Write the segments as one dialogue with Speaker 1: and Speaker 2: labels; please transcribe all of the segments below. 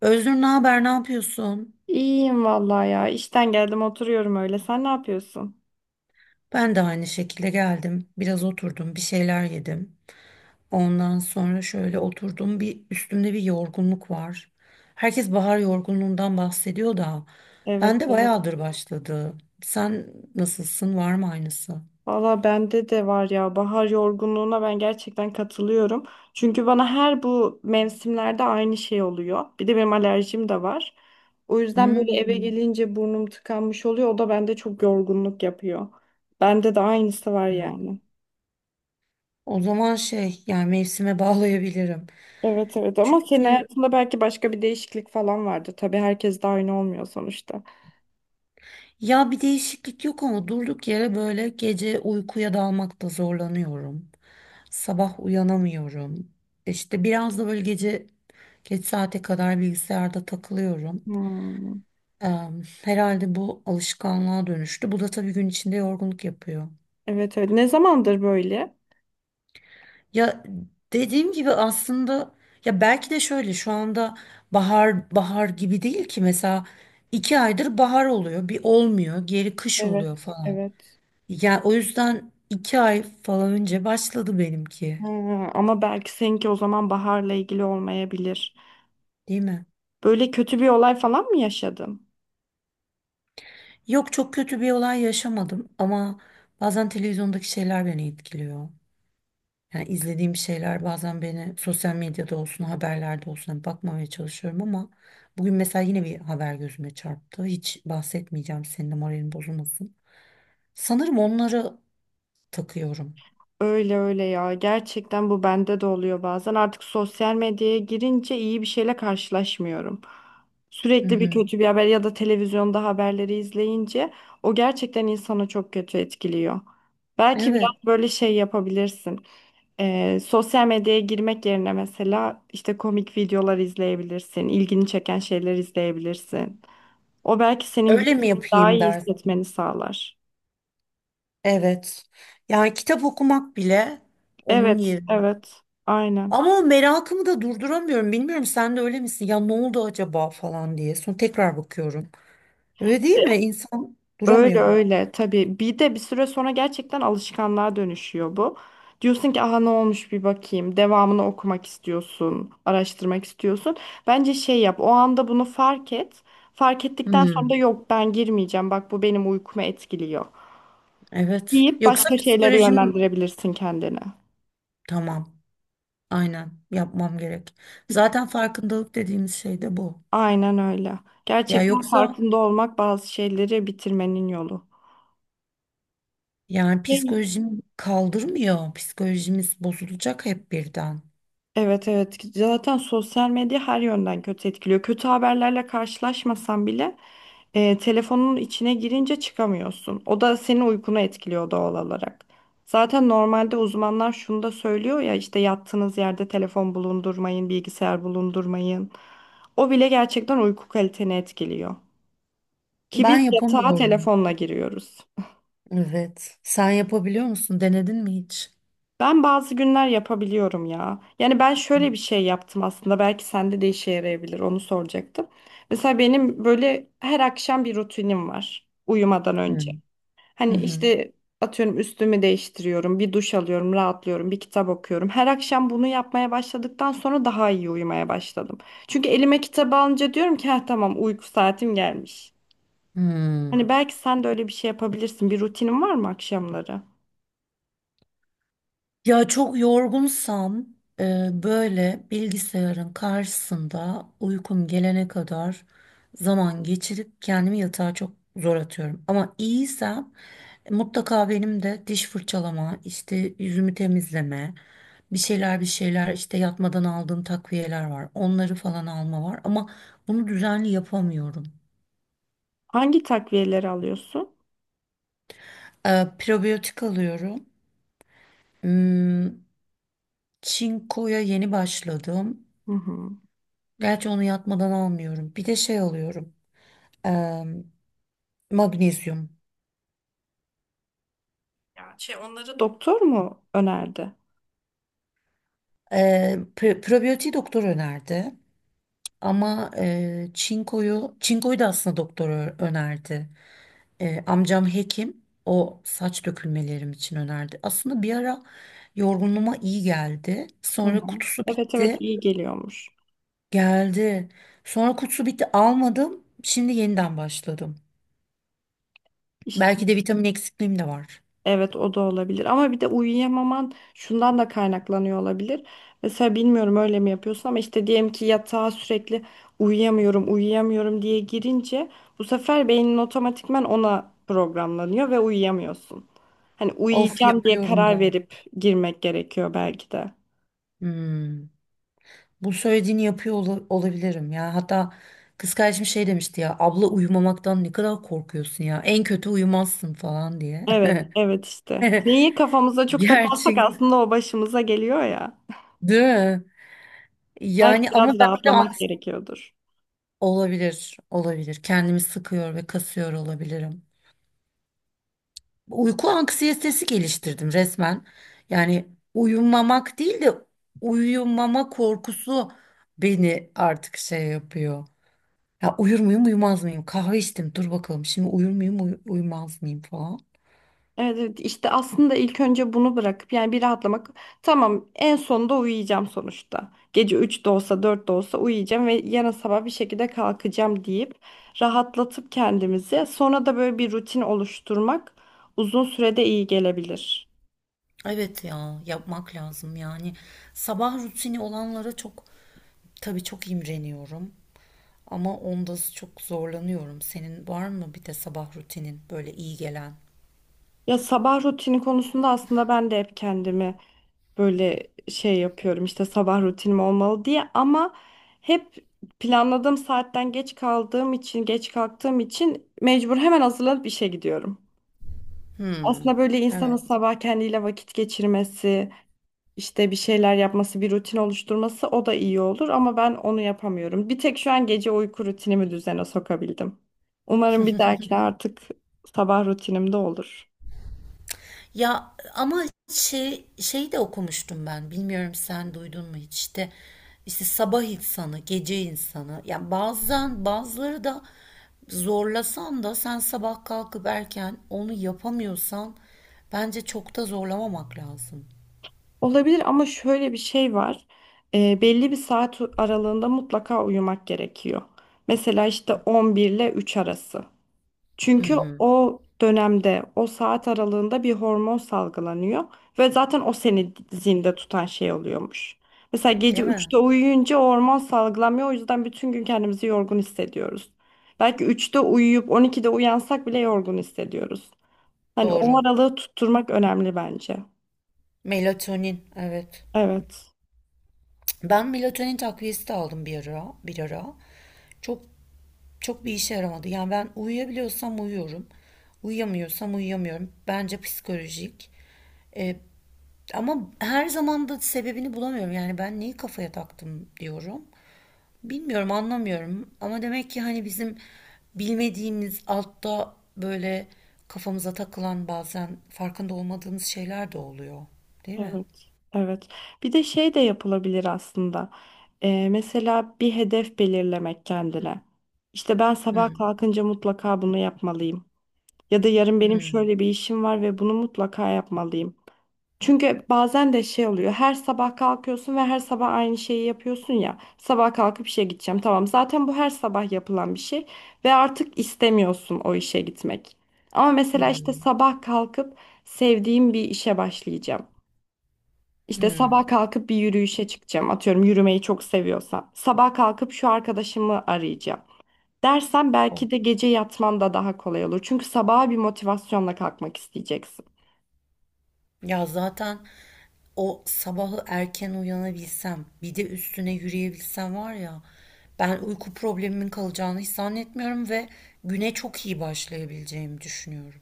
Speaker 1: Özgür, ne haber, ne yapıyorsun?
Speaker 2: İyiyim vallahi ya. İşten geldim oturuyorum öyle. Sen ne yapıyorsun?
Speaker 1: Ben de aynı şekilde geldim. Biraz oturdum, bir şeyler yedim. Ondan sonra şöyle oturdum. Bir üstümde bir yorgunluk var. Herkes bahar yorgunluğundan bahsediyor da
Speaker 2: Evet
Speaker 1: ben de
Speaker 2: evet.
Speaker 1: bayağıdır başladı. Sen nasılsın? Var mı aynısı?
Speaker 2: Valla bende de var ya. Bahar yorgunluğuna ben gerçekten katılıyorum. Çünkü bana her bu mevsimlerde aynı şey oluyor. Bir de benim alerjim de var. O yüzden böyle eve
Speaker 1: Hmm,
Speaker 2: gelince burnum tıkanmış oluyor. O da bende çok yorgunluk yapıyor. Bende de aynısı var
Speaker 1: evet.
Speaker 2: yani.
Speaker 1: O zaman şey, yani mevsime bağlayabilirim.
Speaker 2: Evet evet ama senin
Speaker 1: Çünkü
Speaker 2: hayatında belki başka bir değişiklik falan vardır. Tabii herkes de aynı olmuyor sonuçta.
Speaker 1: Ya, bir değişiklik yok ama durduk yere böyle gece uykuya dalmakta zorlanıyorum. Sabah uyanamıyorum. İşte biraz da böyle gece geç saate kadar bilgisayarda takılıyorum.
Speaker 2: Hmm.
Speaker 1: Herhalde bu alışkanlığa dönüştü. Bu da tabii gün içinde yorgunluk yapıyor.
Speaker 2: Evet evet. Ne zamandır böyle?
Speaker 1: Ya, dediğim gibi aslında ya belki de şöyle, şu anda bahar bahar gibi değil ki mesela. İki aydır bahar oluyor, bir olmuyor, geri kış oluyor
Speaker 2: Evet,
Speaker 1: falan.
Speaker 2: evet.
Speaker 1: Ya o yüzden iki ay falan önce başladı benimki,
Speaker 2: Ha, ama belki seninki o zaman baharla ilgili olmayabilir.
Speaker 1: değil mi?
Speaker 2: Böyle kötü bir olay falan mı yaşadın?
Speaker 1: Yok, çok kötü bir olay yaşamadım ama bazen televizyondaki şeyler beni etkiliyor. Yani izlediğim şeyler bazen beni, sosyal medyada olsun, haberlerde olsun, hani bakmamaya çalışıyorum ama bugün mesela yine bir haber gözüme çarptı. Hiç bahsetmeyeceğim, senin de moralin bozulmasın. Sanırım onları takıyorum.
Speaker 2: Öyle öyle ya. Gerçekten bu bende de oluyor bazen. Artık sosyal medyaya girince iyi bir şeyle karşılaşmıyorum.
Speaker 1: Hı
Speaker 2: Sürekli bir
Speaker 1: hı.
Speaker 2: kötü bir haber ya da televizyonda haberleri izleyince o gerçekten insanı çok kötü etkiliyor. Belki
Speaker 1: Evet.
Speaker 2: biraz böyle şey yapabilirsin. Sosyal medyaya girmek yerine mesela işte komik videolar izleyebilirsin, ilgini çeken şeyler izleyebilirsin. O belki senin
Speaker 1: Öyle mi
Speaker 2: daha
Speaker 1: yapayım
Speaker 2: iyi
Speaker 1: der.
Speaker 2: hissetmeni sağlar.
Speaker 1: Evet. Yani kitap okumak bile onun
Speaker 2: Evet,
Speaker 1: yeri.
Speaker 2: evet, aynen.
Speaker 1: Ama o merakımı da durduramıyorum. Bilmiyorum, sen de öyle misin? Ya ne oldu acaba falan diye. Sonra tekrar bakıyorum. Öyle değil mi? İnsan
Speaker 2: Öyle
Speaker 1: duramıyor.
Speaker 2: öyle tabii. Bir de bir süre sonra gerçekten alışkanlığa dönüşüyor bu. Diyorsun ki aha ne olmuş bir bakayım. Devamını okumak istiyorsun, araştırmak istiyorsun. Bence şey yap. O anda bunu fark et. Fark ettikten sonra
Speaker 1: Hmm,
Speaker 2: da yok ben girmeyeceğim. Bak bu benim uykumu etkiliyor.
Speaker 1: evet.
Speaker 2: Deyip
Speaker 1: Yoksa
Speaker 2: başka şeylere
Speaker 1: psikolojim,
Speaker 2: yönlendirebilirsin kendini.
Speaker 1: tamam. Aynen, yapmam gerek. Zaten farkındalık dediğimiz şey de bu.
Speaker 2: Aynen öyle.
Speaker 1: Ya
Speaker 2: Gerçekten
Speaker 1: yoksa
Speaker 2: farkında olmak bazı şeyleri bitirmenin yolu.
Speaker 1: yani psikolojim kaldırmıyor. Psikolojimiz bozulacak hep birden.
Speaker 2: Evet evet zaten sosyal medya her yönden kötü etkiliyor. Kötü haberlerle karşılaşmasan bile telefonun içine girince çıkamıyorsun. O da senin uykunu etkiliyor doğal olarak. Zaten normalde uzmanlar şunu da söylüyor ya işte yattığınız yerde telefon bulundurmayın, bilgisayar bulundurmayın. O bile gerçekten uyku kaliteni etkiliyor. Ki
Speaker 1: Ben
Speaker 2: biz yatağa
Speaker 1: yapamıyorum.
Speaker 2: telefonla giriyoruz.
Speaker 1: Evet. Sen yapabiliyor musun? Denedin mi hiç?
Speaker 2: Ben bazı günler yapabiliyorum ya. Yani ben
Speaker 1: Hı
Speaker 2: şöyle bir şey yaptım aslında. Belki sende de işe yarayabilir. Onu soracaktım. Mesela benim böyle her akşam bir rutinim var uyumadan
Speaker 1: hı.
Speaker 2: önce.
Speaker 1: Hı
Speaker 2: Hani
Speaker 1: hı.
Speaker 2: işte atıyorum üstümü değiştiriyorum, bir duş alıyorum, rahatlıyorum, bir kitap okuyorum. Her akşam bunu yapmaya başladıktan sonra daha iyi uyumaya başladım. Çünkü elime kitabı alınca diyorum ki ha tamam uyku saatim gelmiş.
Speaker 1: Hmm.
Speaker 2: Hani belki sen de öyle bir şey yapabilirsin. Bir rutinin var mı akşamları?
Speaker 1: Ya çok yorgunsam böyle bilgisayarın karşısında uykum gelene kadar zaman geçirip kendimi yatağa çok zor atıyorum. Ama iyiysem mutlaka benim de diş fırçalama, işte yüzümü temizleme, bir şeyler bir şeyler işte yatmadan aldığım takviyeler var. Onları falan alma var ama bunu düzenli yapamıyorum.
Speaker 2: Hangi takviyeleri alıyorsun?
Speaker 1: Probiyotik alıyorum. Hmm, çinkoya yeni başladım.
Speaker 2: Hı hı.
Speaker 1: Gerçi onu yatmadan almıyorum. Bir de şey alıyorum. eee, Magnezyum.
Speaker 2: Ya şey onları doktor mu önerdi?
Speaker 1: Probiyotiği doktor önerdi. Ama çinkoyu, çinkoyu da aslında doktor önerdi. Amcam hekim. O, saç dökülmelerim için önerdi. Aslında bir ara yorgunluğuma iyi geldi.
Speaker 2: Hı
Speaker 1: Sonra
Speaker 2: hı.
Speaker 1: kutusu
Speaker 2: Evet evet
Speaker 1: bitti.
Speaker 2: iyi geliyormuş.
Speaker 1: Geldi. Sonra kutusu bitti, almadım. Şimdi yeniden başladım.
Speaker 2: İşte
Speaker 1: Belki de vitamin eksikliğim de var.
Speaker 2: evet o da olabilir ama bir de uyuyamaman şundan da kaynaklanıyor olabilir. Mesela bilmiyorum öyle mi yapıyorsun ama işte diyelim ki yatağa sürekli uyuyamıyorum diye girince bu sefer beynin otomatikman ona programlanıyor ve uyuyamıyorsun. Hani
Speaker 1: Of,
Speaker 2: uyuyacağım diye
Speaker 1: yapıyorum
Speaker 2: karar
Speaker 1: da.
Speaker 2: verip girmek gerekiyor belki de.
Speaker 1: Hmm. Bu söylediğini yapıyor olabilirim ya. Hatta kız kardeşim şey demişti ya. Abla, uyumamaktan ne kadar korkuyorsun ya. En kötü uyumazsın falan diye.
Speaker 2: Evet, evet işte. Neyi kafamıza çok takarsak
Speaker 1: Gerçek,
Speaker 2: aslında o başımıza geliyor ya.
Speaker 1: değil mi?
Speaker 2: Belki
Speaker 1: Yani ama
Speaker 2: biraz
Speaker 1: ben de
Speaker 2: rahatlamak gerekiyordur.
Speaker 1: olabilir, olabilir. Kendimi sıkıyor ve kasıyor olabilirim. Uyku anksiyetesi geliştirdim resmen. Yani uyumamak değil de uyumama korkusu beni artık şey yapıyor. Ya uyur muyum, uyumaz mıyım? Kahve içtim, dur bakalım şimdi uyur muyum, uyumaz mıyım falan.
Speaker 2: Evet, evet işte aslında ilk önce bunu bırakıp yani bir rahatlamak. Tamam en sonunda uyuyacağım sonuçta. Gece 3 de olsa 4 de olsa uyuyacağım ve yarın sabah bir şekilde kalkacağım deyip rahatlatıp kendimizi sonra da böyle bir rutin oluşturmak uzun sürede iyi gelebilir.
Speaker 1: Evet ya, yapmak lazım yani. Sabah rutini olanlara çok, tabii, çok imreniyorum. Ama onda çok zorlanıyorum. Senin var mı bir de sabah rutinin böyle iyi gelen?
Speaker 2: Ya sabah rutini konusunda aslında ben de hep kendimi böyle şey yapıyorum işte sabah rutinim olmalı diye ama hep planladığım saatten geç kaldığım için geç kalktığım için mecbur hemen hazırlanıp işe gidiyorum.
Speaker 1: Hmm.
Speaker 2: Aslında böyle insanın
Speaker 1: Evet.
Speaker 2: sabah kendiyle vakit geçirmesi, işte bir şeyler yapması, bir rutin oluşturması o da iyi olur ama ben onu yapamıyorum. Bir tek şu an gece uyku rutinimi düzene sokabildim. Umarım bir dahakine artık sabah rutinimde olur.
Speaker 1: Ya ama şey de okumuştum ben. Bilmiyorum sen duydun mu hiç, işte işte sabah insanı, gece insanı. Yani bazen bazıları da zorlasan da sen sabah kalkıp erken onu yapamıyorsan bence çok da zorlamamak lazım.
Speaker 2: Olabilir ama şöyle bir şey var. Belli bir saat aralığında mutlaka uyumak gerekiyor. Mesela işte 11 ile 3 arası.
Speaker 1: Hı
Speaker 2: Çünkü
Speaker 1: hı.
Speaker 2: o dönemde, o saat aralığında bir hormon salgılanıyor ve zaten o seni zinde tutan şey oluyormuş. Mesela gece
Speaker 1: Değil mi?
Speaker 2: üçte uyuyunca o hormon salgılanmıyor. O yüzden bütün gün kendimizi yorgun hissediyoruz. Belki üçte uyuyup 12'de uyansak bile yorgun hissediyoruz. Hani o
Speaker 1: Doğru.
Speaker 2: aralığı tutturmak önemli bence.
Speaker 1: Melatonin, evet.
Speaker 2: Evet.
Speaker 1: Ben melatonin takviyesi de aldım bir ara, bir ara. Çok çok bir işe yaramadı. Yani ben uyuyabiliyorsam uyuyorum. Uyuyamıyorsam uyuyamıyorum. Bence psikolojik. E, ama her zaman da sebebini bulamıyorum. Yani ben neyi kafaya taktım diyorum. Bilmiyorum, anlamıyorum. Ama demek ki hani bizim bilmediğimiz altta böyle kafamıza takılan, bazen farkında olmadığımız şeyler de oluyor. Değil mi?
Speaker 2: Evet, evet. Bir de şey de yapılabilir aslında. Mesela bir hedef belirlemek kendine. İşte ben sabah
Speaker 1: Hmm,
Speaker 2: kalkınca mutlaka bunu yapmalıyım. Ya da yarın benim şöyle bir işim var ve bunu mutlaka yapmalıyım. Çünkü bazen de şey oluyor. Her sabah kalkıyorsun ve her sabah aynı şeyi yapıyorsun ya. Sabah kalkıp işe gideceğim. Tamam, zaten bu her sabah yapılan bir şey ve artık istemiyorsun o işe gitmek. Ama mesela işte
Speaker 1: hmm,
Speaker 2: sabah kalkıp sevdiğim bir işe başlayacağım. İşte
Speaker 1: hmm.
Speaker 2: sabah kalkıp bir yürüyüşe çıkacağım. Atıyorum yürümeyi çok seviyorsam. Sabah kalkıp şu arkadaşımı arayacağım. Dersen belki de gece yatman da daha kolay olur. Çünkü sabaha bir motivasyonla kalkmak isteyeceksin.
Speaker 1: Ya zaten o sabahı erken uyanabilsem, bir de üstüne yürüyebilsem var ya, ben uyku problemimin kalacağını hiç zannetmiyorum ve güne çok iyi başlayabileceğimi düşünüyorum.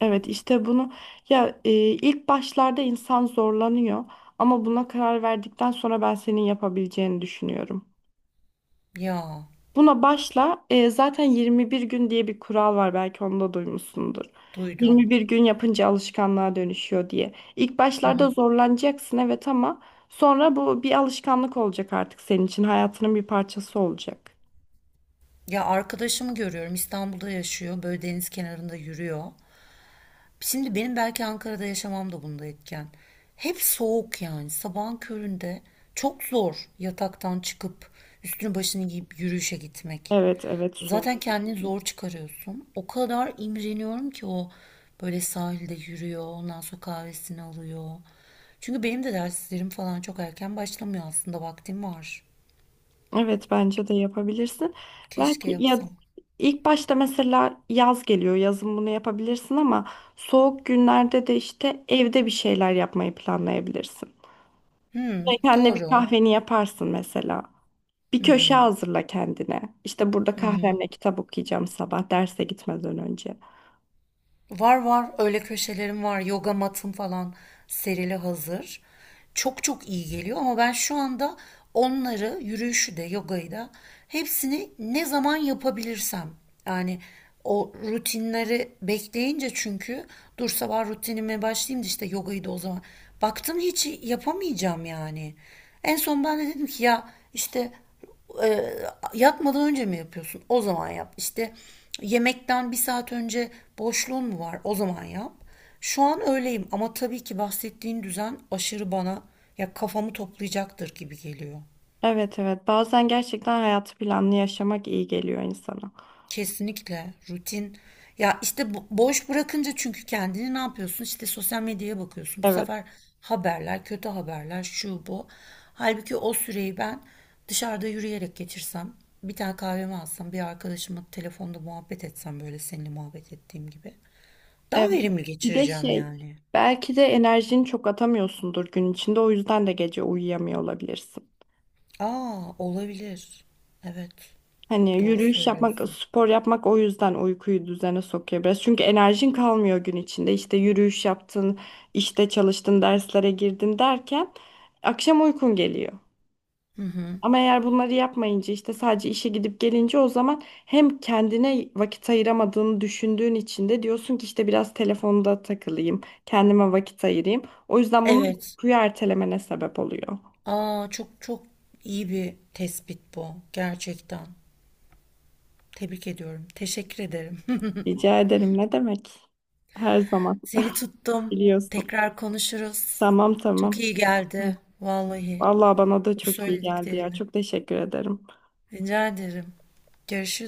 Speaker 2: Evet işte bunu ya ilk başlarda insan zorlanıyor ama buna karar verdikten sonra ben senin yapabileceğini düşünüyorum.
Speaker 1: Ya,
Speaker 2: Buna başla. Zaten 21 gün diye bir kural var belki onu da duymuşsundur.
Speaker 1: duydum.
Speaker 2: 21 gün yapınca alışkanlığa dönüşüyor diye. İlk
Speaker 1: Hı hı.
Speaker 2: başlarda zorlanacaksın evet ama sonra bu bir alışkanlık olacak artık senin için. Hayatının bir parçası olacak.
Speaker 1: Ya, arkadaşımı görüyorum, İstanbul'da yaşıyor, böyle deniz kenarında yürüyor. Şimdi benim belki Ankara'da yaşamam da bunda etken. Hep soğuk, yani sabahın köründe çok zor yataktan çıkıp üstünü başını giyip yürüyüşe gitmek.
Speaker 2: Evet evet soğuk.
Speaker 1: Zaten kendini zor çıkarıyorsun. O kadar imreniyorum ki, o böyle sahilde yürüyor, ondan sonra kahvesini alıyor. Çünkü benim de derslerim falan çok erken başlamıyor, aslında vaktim var.
Speaker 2: Evet bence de yapabilirsin.
Speaker 1: Keşke
Speaker 2: Belki ya
Speaker 1: yapsam.
Speaker 2: ilk başta mesela yaz geliyor. Yazın bunu yapabilirsin ama soğuk günlerde de işte evde bir şeyler yapmayı planlayabilirsin.
Speaker 1: Hmm,
Speaker 2: Kendine bir
Speaker 1: doğru.
Speaker 2: kahveni yaparsın mesela. Bir köşe hazırla kendine. İşte burada kahvemle kitap okuyacağım sabah derse gitmeden önce.
Speaker 1: Var var öyle köşelerim var. Yoga matım falan serili hazır. Çok çok iyi geliyor ama ben şu anda onları, yürüyüşü de yogayı da, hepsini ne zaman yapabilirsem, yani o rutinleri bekleyince, çünkü dur sabah rutinime başlayayım da işte yogayı da o zaman, baktım hiç yapamayacağım yani. En son ben de dedim ki ya işte e, yatmadan önce mi yapıyorsun? O zaman yap. İşte yemekten bir saat önce boşluğun mu var? O zaman yap. Şu an öyleyim ama tabii ki bahsettiğin düzen aşırı bana ya kafamı toplayacaktır gibi geliyor.
Speaker 2: Evet evet bazen gerçekten hayatı planlı yaşamak iyi geliyor insana.
Speaker 1: Kesinlikle rutin. Ya işte boş bırakınca çünkü kendini ne yapıyorsun? İşte sosyal medyaya bakıyorsun. Bu
Speaker 2: Evet.
Speaker 1: sefer haberler, kötü haberler, şu bu. Halbuki o süreyi ben dışarıda yürüyerek geçirsem, bir tane kahvemi alsam, bir arkadaşımla telefonda muhabbet etsem, böyle seninle muhabbet ettiğim gibi. Daha
Speaker 2: Evet.
Speaker 1: verimli
Speaker 2: Bir de
Speaker 1: geçireceğim
Speaker 2: şey
Speaker 1: yani.
Speaker 2: belki de enerjini çok atamıyorsundur gün içinde o yüzden de gece uyuyamıyor olabilirsin.
Speaker 1: Aa, olabilir. Evet.
Speaker 2: Hani
Speaker 1: Doğru
Speaker 2: yürüyüş yapmak,
Speaker 1: söylüyorsun.
Speaker 2: spor yapmak o yüzden uykuyu düzene sokuyor biraz. Çünkü enerjin kalmıyor gün içinde. İşte yürüyüş yaptın, işte çalıştın, derslere girdin derken akşam uykun geliyor. Ama eğer bunları yapmayınca işte sadece işe gidip gelince o zaman hem kendine vakit ayıramadığını düşündüğün için de diyorsun ki işte biraz telefonda takılayım, kendime vakit ayırayım. O yüzden bunun
Speaker 1: Evet.
Speaker 2: uykuyu ertelemene sebep oluyor.
Speaker 1: Aa çok çok iyi bir tespit bu gerçekten. Tebrik ediyorum. Teşekkür ederim.
Speaker 2: Rica ederim ne demek? Her zaman
Speaker 1: Seni tuttum.
Speaker 2: biliyorsun.
Speaker 1: Tekrar konuşuruz.
Speaker 2: Tamam
Speaker 1: Çok
Speaker 2: tamam.
Speaker 1: iyi geldi. Vallahi
Speaker 2: Vallahi bana da
Speaker 1: bu
Speaker 2: çok iyi geldi ya.
Speaker 1: söylediklerini.
Speaker 2: Çok teşekkür ederim.
Speaker 1: Rica ederim. Görüşürüz.